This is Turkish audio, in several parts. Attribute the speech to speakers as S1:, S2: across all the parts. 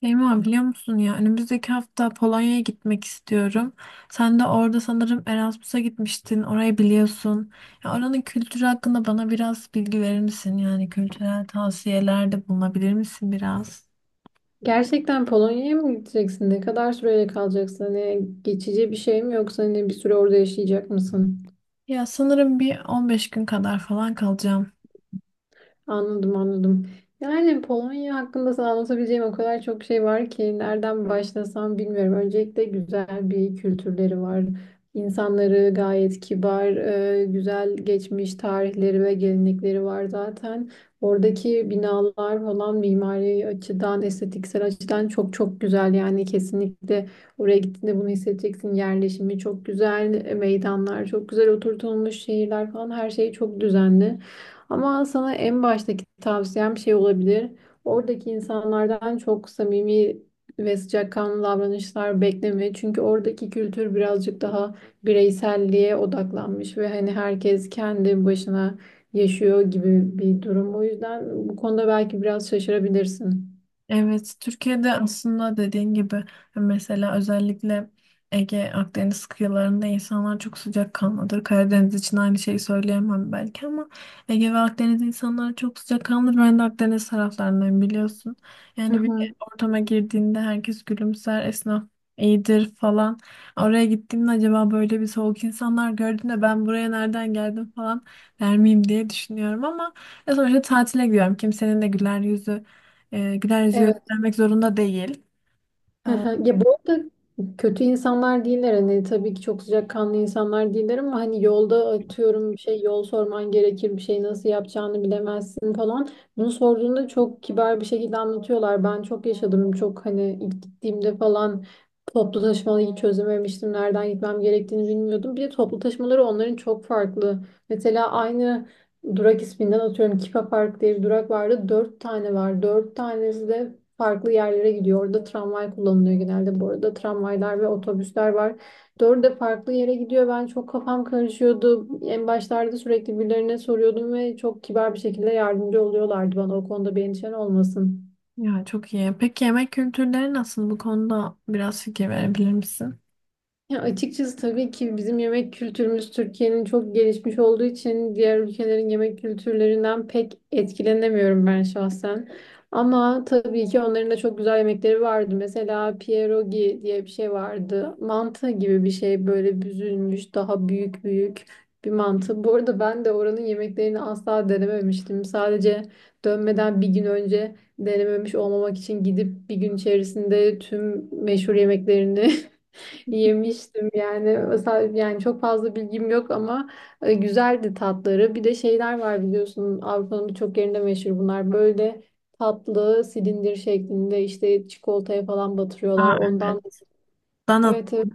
S1: Şeyma, biliyor musun ya, önümüzdeki hafta Polonya'ya gitmek istiyorum. Sen de orada sanırım Erasmus'a gitmiştin. Orayı biliyorsun. Ya oranın kültürü hakkında bana biraz bilgi verir misin? Yani kültürel tavsiyelerde bulunabilir misin biraz?
S2: Gerçekten Polonya'ya mı gideceksin? Ne kadar süreyle kalacaksın? Hani geçici bir şey mi yoksa hani bir süre orada yaşayacak mısın?
S1: Ya sanırım bir 15 gün kadar falan kalacağım.
S2: Anladım, anladım. Yani Polonya hakkında sana anlatabileceğim o kadar çok şey var ki nereden başlasam bilmiyorum. Öncelikle güzel bir kültürleri var. İnsanları gayet kibar, güzel geçmiş tarihleri ve gelenekleri var zaten. Oradaki binalar falan mimari açıdan, estetiksel açıdan çok çok güzel. Yani kesinlikle oraya gittiğinde bunu hissedeceksin. Yerleşimi çok güzel, meydanlar çok güzel oturtulmuş, şehirler falan her şey çok düzenli. Ama sana en baştaki tavsiyem şey olabilir. Oradaki insanlardan çok samimi ve sıcakkanlı davranışlar bekleme. Çünkü oradaki kültür birazcık daha bireyselliğe odaklanmış ve hani herkes kendi başına yaşıyor gibi bir durum. O yüzden bu konuda belki biraz şaşırabilirsin.
S1: Evet, Türkiye'de aslında dediğin gibi mesela özellikle Ege, Akdeniz kıyılarında insanlar çok sıcakkanlıdır. Karadeniz için aynı şeyi söyleyemem belki ama Ege ve Akdeniz insanları çok sıcakkanlıdır. Ben de Akdeniz taraflarından, biliyorsun.
S2: Hı
S1: Yani bir
S2: hı.
S1: ortama girdiğinde herkes gülümser, esnaf iyidir falan. Oraya gittiğimde acaba böyle bir soğuk insanlar gördüğümde ben buraya nereden geldim falan der miyim diye düşünüyorum ama ya sonuçta tatile gidiyorum. Kimsenin de güler yüzü güler yüzü
S2: Evet.
S1: göstermek zorunda değil.
S2: Hı
S1: Ee,
S2: hı. Ya bu arada kötü insanlar değiller, hani tabii ki çok sıcakkanlı insanlar değiller ama hani yolda atıyorum bir şey, yol sorman gerekir, bir şey nasıl yapacağını bilemezsin falan. Bunu sorduğunda çok kibar bir şekilde anlatıyorlar. Ben çok yaşadım, çok hani ilk gittiğimde falan toplu taşımayı hiç çözememiştim. Nereden gitmem gerektiğini bilmiyordum. Bir de toplu taşımaları onların çok farklı. Mesela aynı durak isminden atıyorum Kipa Park diye bir durak vardı. Dört tane var. Dört tanesi de farklı yerlere gidiyor. Orada tramvay kullanılıyor genelde bu arada. Tramvaylar ve otobüsler var. Dördü de farklı yere gidiyor. Ben çok kafam karışıyordu. En başlarda sürekli birilerine soruyordum ve çok kibar bir şekilde yardımcı oluyorlardı bana. O konuda bir endişen olmasın.
S1: Ya çok iyi. Peki yemek kültürleri nasıl? Bu konuda biraz fikir verebilir misin?
S2: Ya açıkçası tabii ki bizim yemek kültürümüz Türkiye'nin çok gelişmiş olduğu için diğer ülkelerin yemek kültürlerinden pek etkilenemiyorum ben şahsen. Ama tabii ki onların da çok güzel yemekleri vardı. Mesela pierogi diye bir şey vardı. Mantı gibi bir şey, böyle büzülmüş, daha büyük büyük bir mantı. Bu arada ben de oranın yemeklerini asla denememiştim. Sadece dönmeden bir gün önce denememiş olmamak için gidip bir gün içerisinde tüm meşhur yemeklerini yemiştim yani. Mesela yani çok fazla bilgim yok ama güzeldi tatları. Bir de şeyler var biliyorsun, Avrupa'nın birçok yerinde meşhur bunlar. Böyle tatlı silindir şeklinde, işte çikolataya falan batırıyorlar.
S1: Aa,
S2: Ondan
S1: evet. Dana
S2: evet, evet,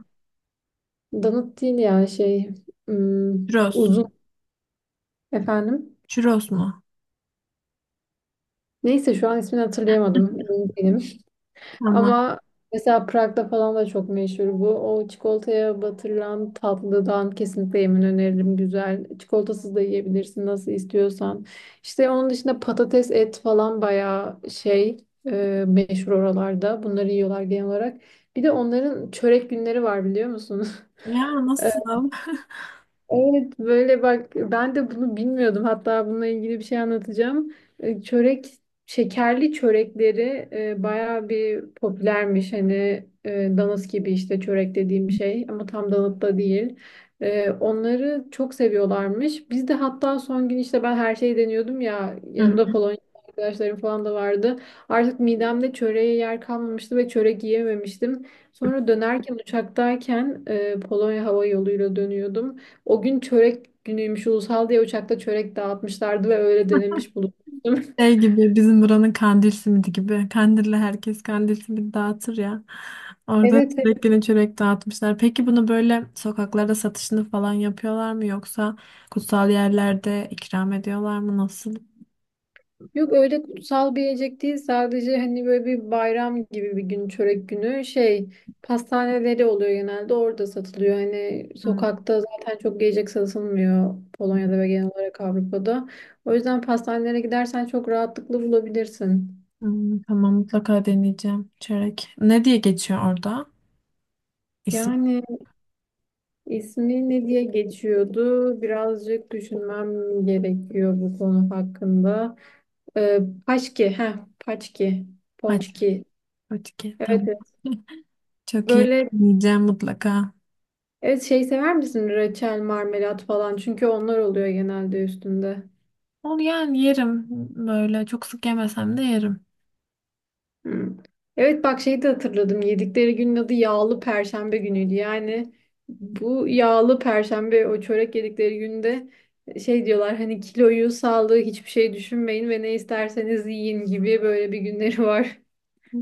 S2: donut değil ya, şey, hmm,
S1: churros
S2: uzun,
S1: mu?
S2: efendim.
S1: Churros mu?
S2: Neyse şu an ismini hatırlayamadım. Emin değilim.
S1: Tamam.
S2: Ama mesela Prag'da falan da çok meşhur bu. O çikolataya batırılan tatlıdan kesinlikle yemin öneririm. Güzel. Çikolatasız da yiyebilirsin nasıl istiyorsan. İşte onun dışında patates, et falan bayağı şey meşhur oralarda. Bunları yiyorlar genel olarak. Bir de onların çörek günleri var biliyor musunuz?
S1: Ya nasıl?
S2: Evet, böyle bak, ben de bunu bilmiyordum. Hatta bununla ilgili bir şey anlatacağım. Çörek, şekerli çörekleri bayağı bir popülermiş. Hani danıt gibi, işte çörek dediğim şey ama tam danıt da değil. Onları çok seviyorlarmış. Biz de hatta son gün işte ben her şeyi deniyordum ya,
S1: Hı.
S2: yanında Polonya arkadaşlarım falan da vardı. Artık midemde çöreğe yer kalmamıştı ve çörek yiyememiştim. Sonra dönerken uçaktayken Polonya hava yoluyla dönüyordum. O gün çörek günüymüş ulusal diye uçakta çörek dağıtmışlardı ve öyle denemiş bulunmuştum.
S1: Şey gibi bizim buranın kandil simidi gibi. Kandil'le herkes kandil simidi dağıtır ya. Orada
S2: Evet, evet.
S1: çörek günü çörek dağıtmışlar. Peki bunu böyle sokaklarda satışını falan yapıyorlar mı yoksa kutsal yerlerde ikram ediyorlar mı? Nasıl?
S2: Yok, öyle kutsal bir yiyecek değil, sadece hani böyle bir bayram gibi bir gün, çörek günü, şey, pastaneleri oluyor genelde, orada satılıyor. Hani
S1: Hı.
S2: sokakta zaten çok yiyecek satılmıyor Polonya'da ve genel olarak Avrupa'da. O yüzden pastanelere gidersen çok rahatlıkla bulabilirsin.
S1: Hmm, tamam, mutlaka deneyeceğim. Çörek. Ne diye geçiyor orada? İsim.
S2: Yani İsmi ne diye geçiyordu? Birazcık düşünmem gerekiyor bu konu hakkında. Ee, Paşki, heh, Paçki,
S1: Hadi.
S2: Ponçki.
S1: Fatike.
S2: Evet,
S1: Tamam.
S2: evet.
S1: Çok iyi.
S2: Böyle,
S1: Yiyeceğim mutlaka.
S2: evet, şey sever misin? Reçel, marmelat falan. Çünkü onlar oluyor genelde üstünde.
S1: Onu yani yerim. Böyle çok sık yemesem de yerim.
S2: Hı. Evet, bak, şeyi de hatırladım. Yedikleri günün adı yağlı perşembe günüydü. Yani bu yağlı perşembe, o çörek yedikleri günde şey diyorlar, hani kiloyu, sağlığı hiçbir şey düşünmeyin ve ne isterseniz yiyin gibi böyle bir günleri var.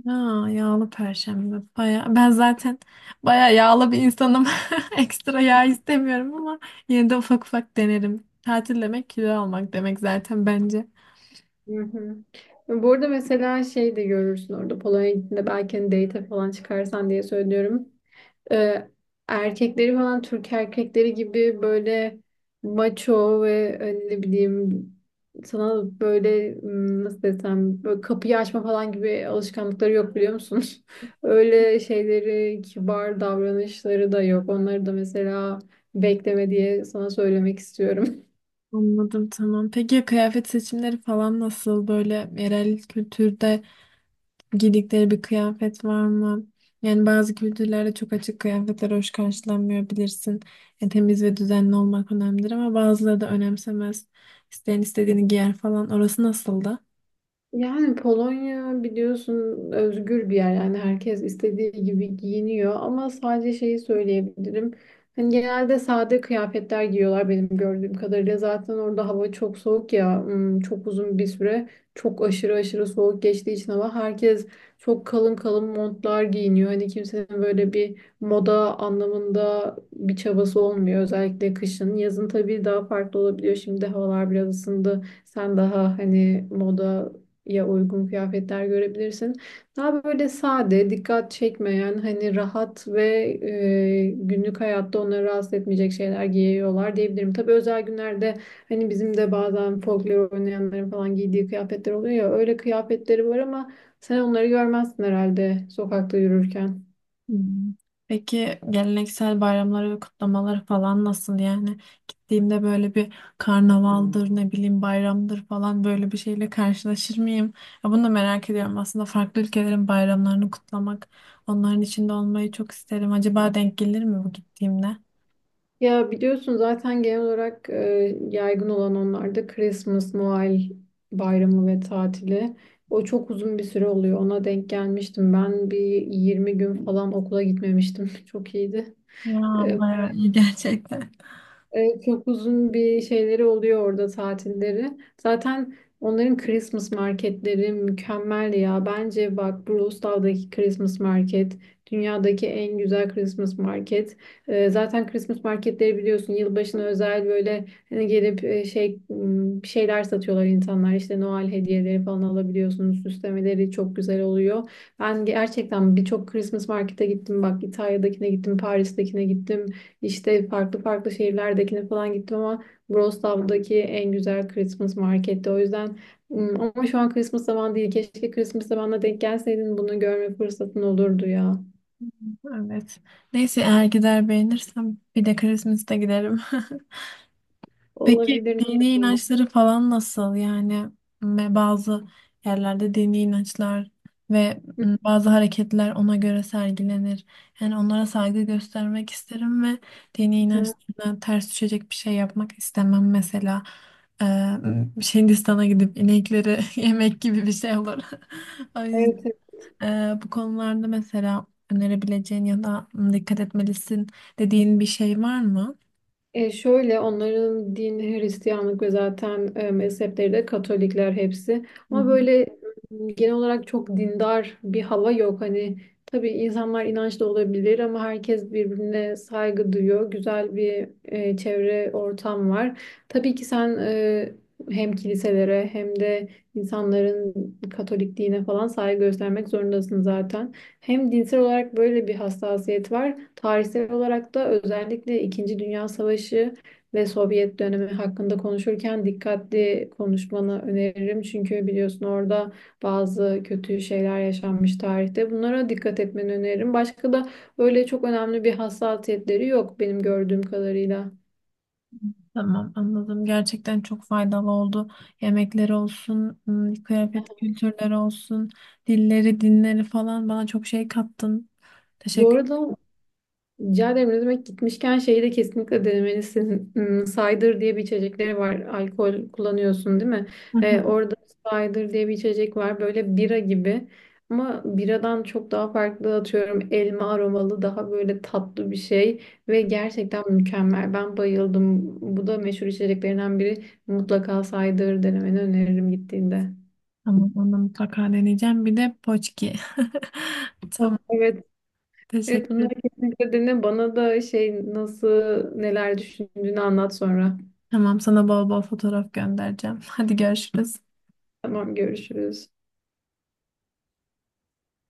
S1: Ya, yağlı perşembe. Baya, ben zaten baya yağlı bir insanım. Ekstra yağ istemiyorum ama yine de ufak ufak denerim. Tatil demek kilo almak demek zaten bence.
S2: Hı hı. Bu arada mesela şey de görürsün orada Polonya'ya gittiğinde, belki hani date falan çıkarsan diye söylüyorum. e, Erkekleri falan Türk erkekleri gibi böyle maço ve hani ne bileyim, sana böyle nasıl desem, böyle kapıyı açma falan gibi alışkanlıkları yok biliyor musun? Öyle şeyleri, kibar davranışları da yok. Onları da mesela bekleme diye sana söylemek istiyorum.
S1: Anladım, tamam. Peki ya kıyafet seçimleri falan nasıl? Böyle yerel kültürde giydikleri bir kıyafet var mı? Yani bazı kültürlerde çok açık kıyafetler hoş karşılanmıyor, bilirsin. Yani temiz ve düzenli olmak önemlidir ama bazıları da önemsemez. İsteyen istediğini giyer falan. Orası nasıldı?
S2: Yani Polonya biliyorsun özgür bir yer, yani herkes istediği gibi giyiniyor ama sadece şeyi söyleyebilirim. Hani genelde sade kıyafetler giyiyorlar benim gördüğüm kadarıyla. Zaten orada hava çok soğuk ya, çok uzun bir süre çok aşırı soğuk geçtiği için hava, herkes çok kalın kalın montlar giyiniyor. Hani kimsenin böyle bir moda anlamında bir çabası olmuyor özellikle kışın. Yazın tabii daha farklı olabiliyor, şimdi havalar biraz ısındı. Sen daha hani moda ya uygun kıyafetler görebilirsin. Daha böyle sade, dikkat çekmeyen, hani rahat ve günlük hayatta onları rahatsız etmeyecek şeyler giyiyorlar diyebilirim. Tabii özel günlerde hani bizim de bazen folklor oynayanların falan giydiği kıyafetler oluyor ya, öyle kıyafetleri var ama sen onları görmezsin herhalde sokakta yürürken.
S1: Hmm. Peki geleneksel bayramları ve kutlamaları falan nasıl yani? Gittiğimde böyle bir karnavaldır, ne bileyim bayramdır falan, böyle bir şeyle karşılaşır mıyım? Ya bunu da merak ediyorum. Aslında farklı ülkelerin bayramlarını kutlamak, onların içinde olmayı çok isterim. Acaba denk gelir mi bu gittiğimde?
S2: Ya biliyorsun zaten genel olarak yaygın olan onlarda Christmas, Noel bayramı ve tatili. O çok uzun bir süre oluyor. Ona denk gelmiştim. Ben bir 20 gün falan okula gitmemiştim. Çok iyiydi.
S1: Ya
S2: E,
S1: bayağı iyi gerçekten.
S2: Çok uzun bir şeyleri oluyor orada, tatilleri. Zaten onların Christmas marketleri mükemmel ya. Bence bak, Brustal'daki Christmas market dünyadaki en güzel Christmas market. Zaten Christmas marketleri biliyorsun yılbaşına özel, böyle hani gelip şey, bir şeyler satıyorlar insanlar. İşte Noel hediyeleri falan alabiliyorsunuz. Süslemeleri çok güzel oluyor. Ben gerçekten birçok Christmas markete gittim. Bak, İtalya'dakine gittim, Paris'tekine gittim. İşte farklı farklı şehirlerdekine falan gittim ama Wrocław'daki en güzel Christmas marketti. O yüzden ama şu an Christmas zamanı değil. Keşke Christmas zamanına denk gelseydin, bunu görme fırsatın olurdu ya.
S1: Evet. Neyse, eğer gider beğenirsem bir de Christmas'ta giderim. Peki
S2: Olabilir.
S1: dini
S2: Hı
S1: inançları falan nasıl? Yani bazı yerlerde dini inançlar ve bazı hareketler ona göre sergilenir. Yani onlara saygı göstermek isterim ve dini
S2: hı.
S1: inançlarına ters düşecek bir şey yapmak istemem. Mesela şey, Hindistan'a gidip inekleri yemek gibi bir şey olur. O yüzden
S2: Evet.
S1: e, bu konularda mesela önerebileceğin ya da dikkat etmelisin dediğin bir şey var mı?
S2: Şöyle, onların din Hristiyanlık ve zaten mezhepleri de Katolikler hepsi. Ama böyle genel olarak çok dindar bir hava yok. Hani tabii insanlar inançlı olabilir ama herkes birbirine saygı duyuyor. Güzel bir çevre, ortam var. Tabii ki sen hem kiliselere hem de İnsanların Katolik dine falan saygı göstermek zorundasın zaten. Hem dinsel olarak böyle bir hassasiyet var. Tarihsel olarak da özellikle İkinci Dünya Savaşı ve Sovyet dönemi hakkında konuşurken dikkatli konuşmanı öneririm. Çünkü biliyorsun orada bazı kötü şeyler yaşanmış tarihte. Bunlara dikkat etmeni öneririm. Başka da öyle çok önemli bir hassasiyetleri yok benim gördüğüm kadarıyla.
S1: Tamam, anladım. Gerçekten çok faydalı oldu. Yemekler olsun, kıyafet kültürleri olsun, dilleri, dinleri falan, bana çok şey kattın.
S2: Bu
S1: Teşekkür.
S2: arada, rica ederim, ne demek. Gitmişken şeyi de kesinlikle denemelisin. Cider diye bir içecekleri var. Alkol kullanıyorsun değil mi?
S1: Hı hı.
S2: Orada cider diye bir içecek var. Böyle bira gibi. Ama biradan çok daha farklı, atıyorum elma aromalı, daha böyle tatlı bir şey. Ve gerçekten mükemmel. Ben bayıldım. Bu da meşhur içeceklerinden biri. Mutlaka cider denemeni öneririm gittiğinde.
S1: Tamam, onu mutlaka deneyeceğim. Bir de poçki.
S2: Ah,
S1: Tamam,
S2: evet. Evet,
S1: teşekkür.
S2: bunları kesinlikle dene. Bana da şey, nasıl, neler düşündüğünü anlat sonra.
S1: Tamam, sana bol bol fotoğraf göndereceğim. Hadi, görüşürüz.
S2: Tamam, görüşürüz.